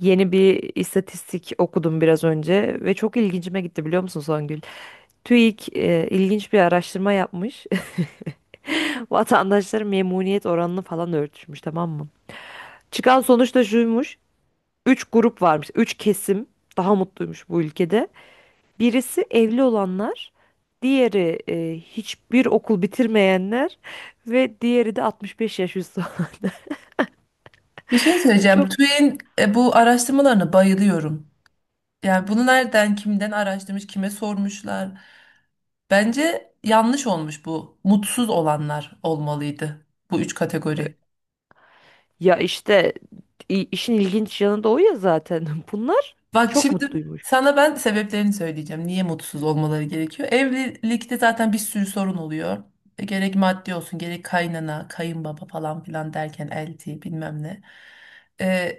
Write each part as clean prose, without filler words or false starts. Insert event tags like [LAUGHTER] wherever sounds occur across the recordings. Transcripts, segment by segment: Yeni bir istatistik okudum biraz önce ve çok ilgincime gitti biliyor musun Songül? TÜİK e, ilginç bir araştırma yapmış. [LAUGHS] Vatandaşların memnuniyet oranını falan ölçmüş, tamam mı? Çıkan sonuç da şuymuş. Üç grup varmış. Üç kesim daha mutluymuş bu ülkede. Birisi evli olanlar, diğeri hiçbir okul bitirmeyenler ve diğeri de 65 yaş üstü olanlar. Bir şey [LAUGHS] söyleyeceğim. Çok TÜİK'in bu araştırmalarına bayılıyorum. Yani bunu nereden, kimden araştırmış, kime sormuşlar. Bence yanlış olmuş bu. Mutsuz olanlar olmalıydı bu üç kategori. ya işte işin ilginç yanı da o ya zaten. [LAUGHS] Bunlar Bak çok şimdi mutluymuş. sana ben sebeplerini söyleyeceğim. Niye mutsuz olmaları gerekiyor? Evlilikte zaten bir sürü sorun oluyor. Gerek maddi olsun, gerek kaynana, kayınbaba falan filan derken elti bilmem ne. E,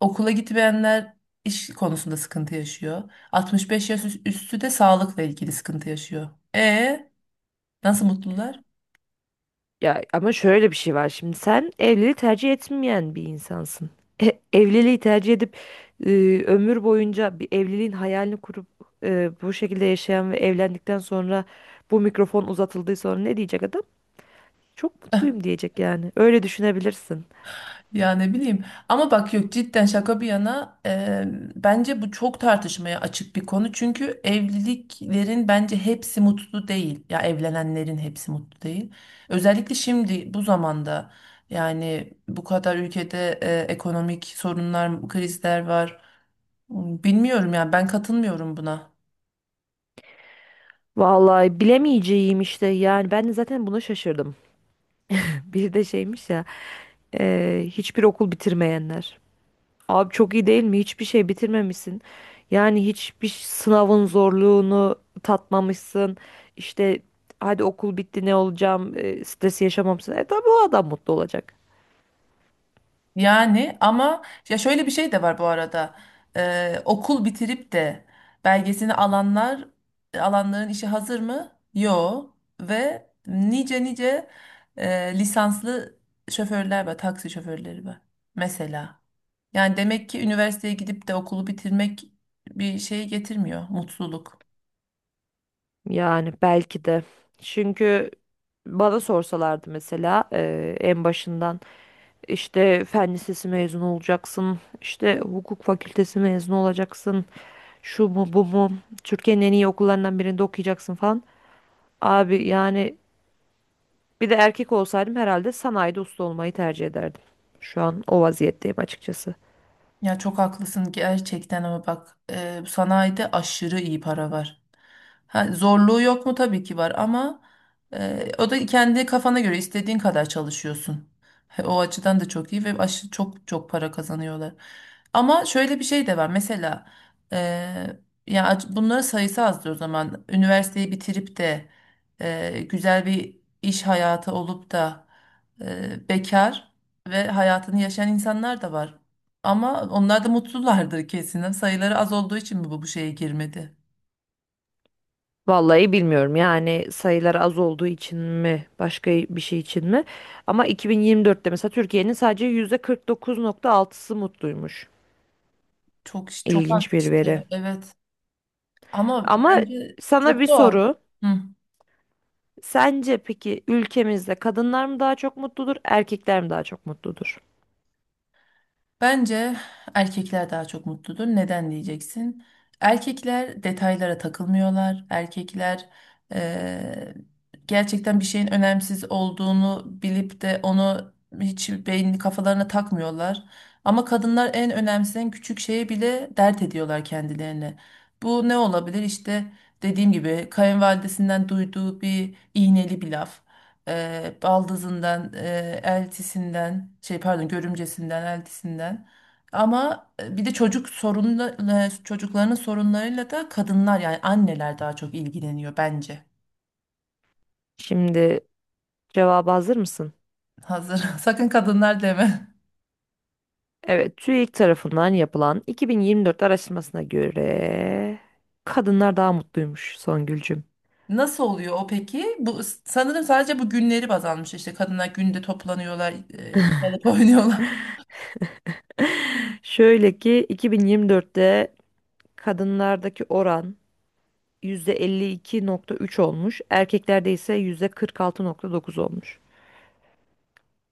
Okula gitmeyenler iş konusunda sıkıntı yaşıyor. 65 yaş üstü de sağlıkla ilgili sıkıntı yaşıyor. E Nasıl mutlular? Ya ama şöyle bir şey var, şimdi sen evliliği tercih etmeyen bir insansın. Evliliği tercih edip e, ömür boyunca bir evliliğin hayalini kurup bu şekilde yaşayan ve evlendikten sonra bu mikrofon uzatıldığı sonra ne diyecek adam? Çok [LAUGHS] mutluyum diyecek yani. Öyle düşünebilirsin. Ya ne bileyim, ama bak yok, cidden şaka bir yana, bence bu çok tartışmaya açık bir konu, çünkü evliliklerin bence hepsi mutlu değil, ya evlenenlerin hepsi mutlu değil, özellikle şimdi bu zamanda. Yani bu kadar ülkede ekonomik sorunlar, krizler var. Bilmiyorum yani, ben katılmıyorum buna. Vallahi bilemeyeceğim işte, yani ben de zaten buna şaşırdım. [LAUGHS] Bir de şeymiş ya, hiçbir okul bitirmeyenler. Abi çok iyi değil mi? Hiçbir şey bitirmemişsin. Yani hiçbir sınavın zorluğunu tatmamışsın. İşte hadi okul bitti, ne olacağım? E, stresi yaşamamışsın. E tabii o adam mutlu olacak. Yani ama ya şöyle bir şey de var bu arada. Okul bitirip de belgesini alanlar, alanların işi hazır mı? Yo. Ve nice nice lisanslı şoförler var, taksi şoförleri var mesela. Yani demek ki üniversiteye gidip de okulu bitirmek bir şey getirmiyor, mutluluk. Yani belki de. Çünkü bana sorsalardı mesela en başından işte fen lisesi mezunu olacaksın, işte hukuk fakültesi mezunu olacaksın. Şu mu bu mu? Türkiye'nin en iyi okullarından birinde okuyacaksın falan. Abi yani bir de erkek olsaydım herhalde sanayide usta olmayı tercih ederdim. Şu an o vaziyetteyim açıkçası. Ya çok haklısın gerçekten ama bak, sanayide aşırı iyi para var. Ha, zorluğu yok mu? Tabii ki var ama o da kendi kafana göre istediğin kadar çalışıyorsun. He, o açıdan da çok iyi ve çok çok para kazanıyorlar. Ama şöyle bir şey de var. Mesela e, ya bunların sayısı azdır o zaman. Üniversiteyi bitirip de güzel bir iş hayatı olup da bekar ve hayatını yaşayan insanlar da var. Ama onlar da mutlulardır kesin. Sayıları az olduğu için mi bu şeye girmedi? Vallahi bilmiyorum yani, sayılar az olduğu için mi başka bir şey için mi? Ama 2024'te mesela Türkiye'nin sadece %49.6'sı mutluymuş. Çok çok az İlginç bir veri. işte. Evet. Ama Ama bence sana bir çok doğal. soru. Hı. Sence peki ülkemizde kadınlar mı daha çok mutludur, erkekler mi daha çok mutludur? Bence erkekler daha çok mutludur. Neden diyeceksin? Erkekler detaylara takılmıyorlar. Erkekler eee, gerçekten bir şeyin önemsiz olduğunu bilip de onu hiç beynini kafalarına takmıyorlar. Ama kadınlar en önemsiz, en küçük şeye bile dert ediyorlar kendilerini. Bu ne olabilir? İşte dediğim gibi kayınvalidesinden duyduğu bir iğneli bir laf, baldızından, eltisinden, şey pardon, görümcesinden, eltisinden. Ama bir de çocuklarının sorunlarıyla da kadınlar, yani anneler daha çok ilgileniyor bence. Şimdi cevaba hazır mısın? Hazır. [LAUGHS] Sakın kadınlar deme. Evet, TÜİK tarafından yapılan 2024 araştırmasına göre kadınlar daha mutluymuş Songülcüm. Nasıl oluyor o peki? Bu sanırım sadece bu günleri baz almış. İşte kadınlar günde toplanıyorlar, çalıp [LAUGHS] oynuyorlar. [LAUGHS] Şöyle ki 2024'te kadınlardaki oran %52.3 olmuş, erkeklerde ise %46.9 olmuş.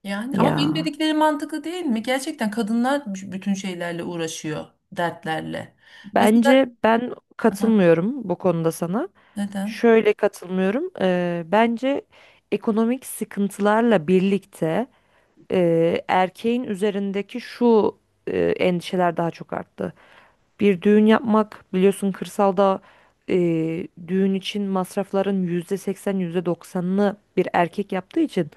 Yani ama benim Ya dediklerim mantıklı değil mi? Gerçekten kadınlar bütün şeylerle uğraşıyor, dertlerle. Mesela bence ben aha, katılmıyorum bu konuda sana. neden? Şöyle katılmıyorum. Bence ekonomik sıkıntılarla birlikte erkeğin üzerindeki şu endişeler daha çok arttı. Bir düğün yapmak biliyorsun kırsalda, e, düğün için masrafların %80 %90'ını bir erkek yaptığı için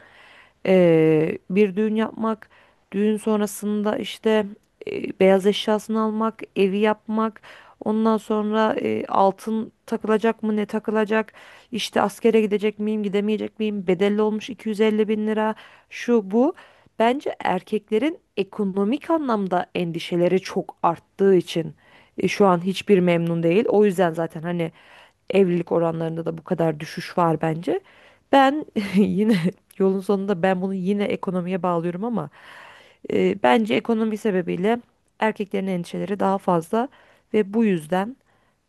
Bir düğün yapmak, düğün sonrasında işte beyaz eşyasını almak, evi yapmak, ondan sonra altın takılacak mı, ne takılacak, işte askere gidecek miyim, gidemeyecek miyim, bedelli olmuş 250 bin lira, şu bu. Bence erkeklerin ekonomik anlamda endişeleri çok arttığı için şu an hiçbir memnun değil. O yüzden zaten hani evlilik oranlarında da bu kadar düşüş var bence. Ben [LAUGHS] yine yolun sonunda ben bunu yine ekonomiye bağlıyorum, ama bence ekonomi sebebiyle erkeklerin endişeleri daha fazla ve bu yüzden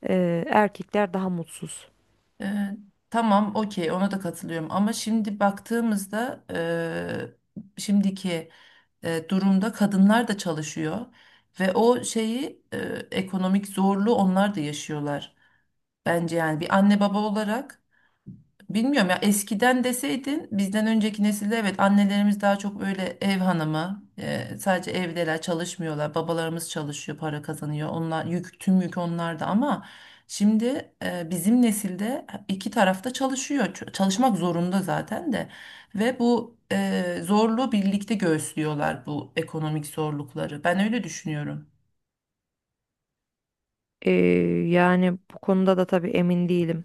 erkekler daha mutsuz. Ee, tamam, okey, ona da katılıyorum. Ama şimdi baktığımızda şimdiki durumda kadınlar da çalışıyor ve o şeyi, ekonomik zorluğu onlar da yaşıyorlar. Bence yani bir anne baba olarak. Bilmiyorum ya, eskiden deseydin bizden önceki nesilde evet, annelerimiz daha çok öyle ev hanımı, sadece evdeler, çalışmıyorlar, babalarımız çalışıyor, para kazanıyor, onlar yük, tüm yük onlarda, ama şimdi bizim nesilde iki tarafta çalışıyor. Çalışmak zorunda zaten de, ve bu zorluğu birlikte göğüslüyorlar, bu ekonomik zorlukları, ben öyle düşünüyorum. E, yani bu konuda da tabii emin değilim.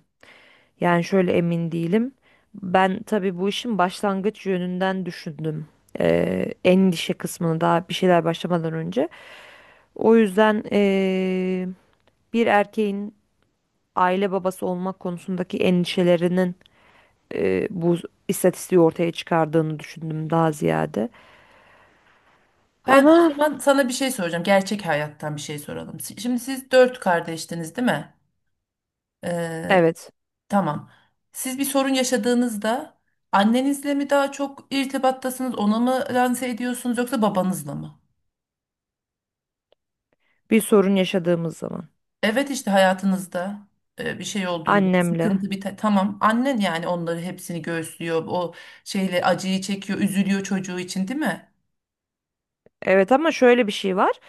Yani şöyle emin değilim. Ben tabii bu işin başlangıç yönünden düşündüm. E, endişe kısmını daha bir şeyler başlamadan önce. O yüzden bir erkeğin aile babası olmak konusundaki endişelerinin bu istatistiği ortaya çıkardığını düşündüm daha ziyade. Ben o Ama zaman sana bir şey soracağım, gerçek hayattan bir şey soralım. Şimdi siz dört kardeştiniz değil mi? Ee, evet, Tamam. Siz bir sorun yaşadığınızda annenizle mi daha çok irtibattasınız, ona mı lanse ediyorsunuz, yoksa babanızla mı? bir sorun yaşadığımız zaman Evet, işte hayatınızda bir şey olduğunda, bir annemle. sıkıntı, bir tamam, annen yani onları hepsini göğüslüyor, o şeyle acıyı çekiyor, üzülüyor çocuğu için değil mi? Evet ama şöyle bir şey var.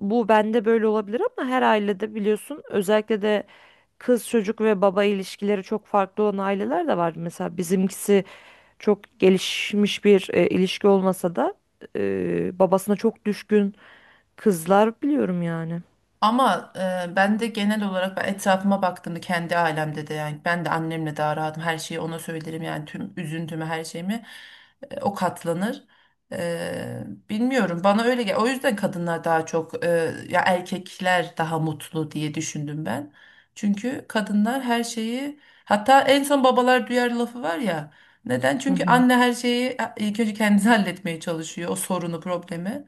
Bu bende böyle olabilir, ama her ailede biliyorsun, özellikle de kız çocuk ve baba ilişkileri çok farklı olan aileler de var. Mesela bizimkisi çok gelişmiş bir ilişki olmasa da babasına çok düşkün kızlar biliyorum yani. Ama ben de genel olarak, ben etrafıma baktığımda, kendi ailemde de, yani ben de annemle daha rahatım. Her şeyi ona söylerim, yani tüm üzüntümü, her şeyimi o katlanır. Bilmiyorum, bana öyle gel. O yüzden kadınlar daha çok ya erkekler daha mutlu diye düşündüm ben. Çünkü kadınlar her şeyi, hatta en son babalar duyar lafı var ya. Neden? Hı Çünkü hı. anne her şeyi ilk önce kendisi [LAUGHS] halletmeye çalışıyor o sorunu, problemi.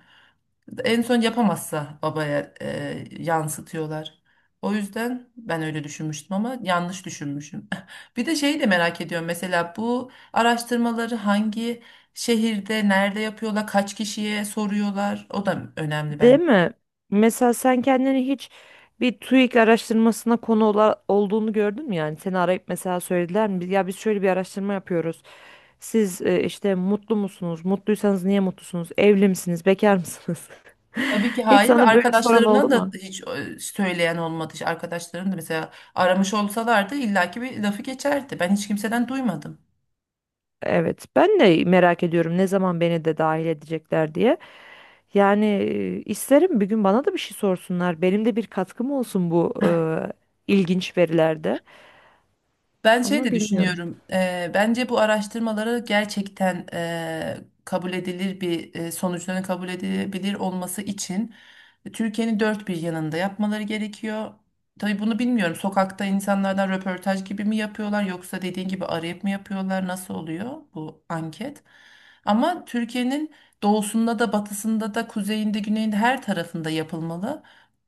En son yapamazsa babaya yansıtıyorlar. O yüzden ben öyle düşünmüştüm ama yanlış düşünmüşüm. [LAUGHS] Bir de şeyi de merak ediyorum. Mesela bu araştırmaları hangi şehirde, nerede yapıyorlar, kaç kişiye soruyorlar? O da önemli Değil ben. mi? Mesela sen kendini hiç bir TÜİK araştırmasına konu olduğunu gördün mü yani? Seni arayıp mesela söylediler mi? Ya biz şöyle bir araştırma yapıyoruz. Siz işte mutlu musunuz? Mutluysanız niye mutlusunuz? Evli misiniz? Bekar mısınız? Tabii [LAUGHS] ki Hiç hayır, ve sana böyle soran oldu arkadaşlarımdan da mu? hiç söyleyen olmadı. İşte arkadaşlarım da mesela aramış olsalardı illaki bir lafı geçerdi. Ben hiç kimseden duymadım. Evet, ben de merak ediyorum ne zaman beni de dahil edecekler diye. Yani isterim bir gün bana da bir şey sorsunlar. Benim de bir katkım olsun bu ilginç verilerde. Ben şey Ama de bilmiyorum. düşünüyorum. Bence bu araştırmaları gerçekten kabul edilir bir, sonuçların kabul edilebilir olması için Türkiye'nin dört bir yanında yapmaları gerekiyor. Tabii bunu bilmiyorum. Sokakta insanlardan röportaj gibi mi yapıyorlar, yoksa dediğin gibi arayıp mı yapıyorlar? Nasıl oluyor bu anket? Ama Türkiye'nin doğusunda da batısında da kuzeyinde, güneyinde, her tarafında yapılmalı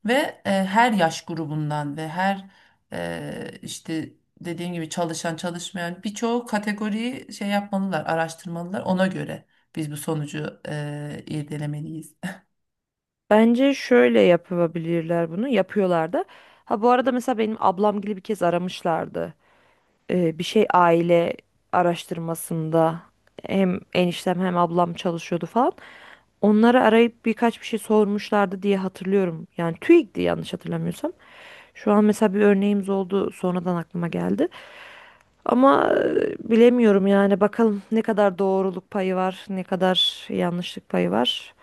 ve her yaş grubundan ve her işte dediğin gibi çalışan, çalışmayan, birçok kategoriyi şey yapmalılar, araştırmalılar. Ona göre biz bu sonucu irdelemeliyiz. [LAUGHS] Bence şöyle yapabilirler bunu. Yapıyorlar da. Ha bu arada mesela benim ablam gibi bir kez aramışlardı. Bir şey aile araştırmasında hem eniştem hem ablam çalışıyordu falan. Onları arayıp birkaç bir şey sormuşlardı diye hatırlıyorum. Yani TÜİK'ti yanlış hatırlamıyorsam. Şu an mesela bir örneğimiz oldu, sonradan aklıma geldi. Ama bilemiyorum yani, bakalım ne kadar doğruluk payı var, ne kadar yanlışlık payı var.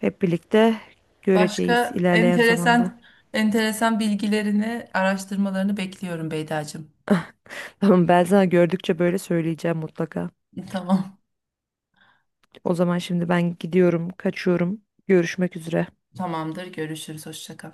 Hep birlikte göreceğiz Başka ilerleyen zamanda. enteresan enteresan bilgilerini, araştırmalarını bekliyorum Beydacığım. Tamam, ben sana gördükçe böyle söyleyeceğim mutlaka. Tamam. O zaman şimdi ben gidiyorum, kaçıyorum. Görüşmek üzere. Tamamdır. Görüşürüz. Hoşça kal.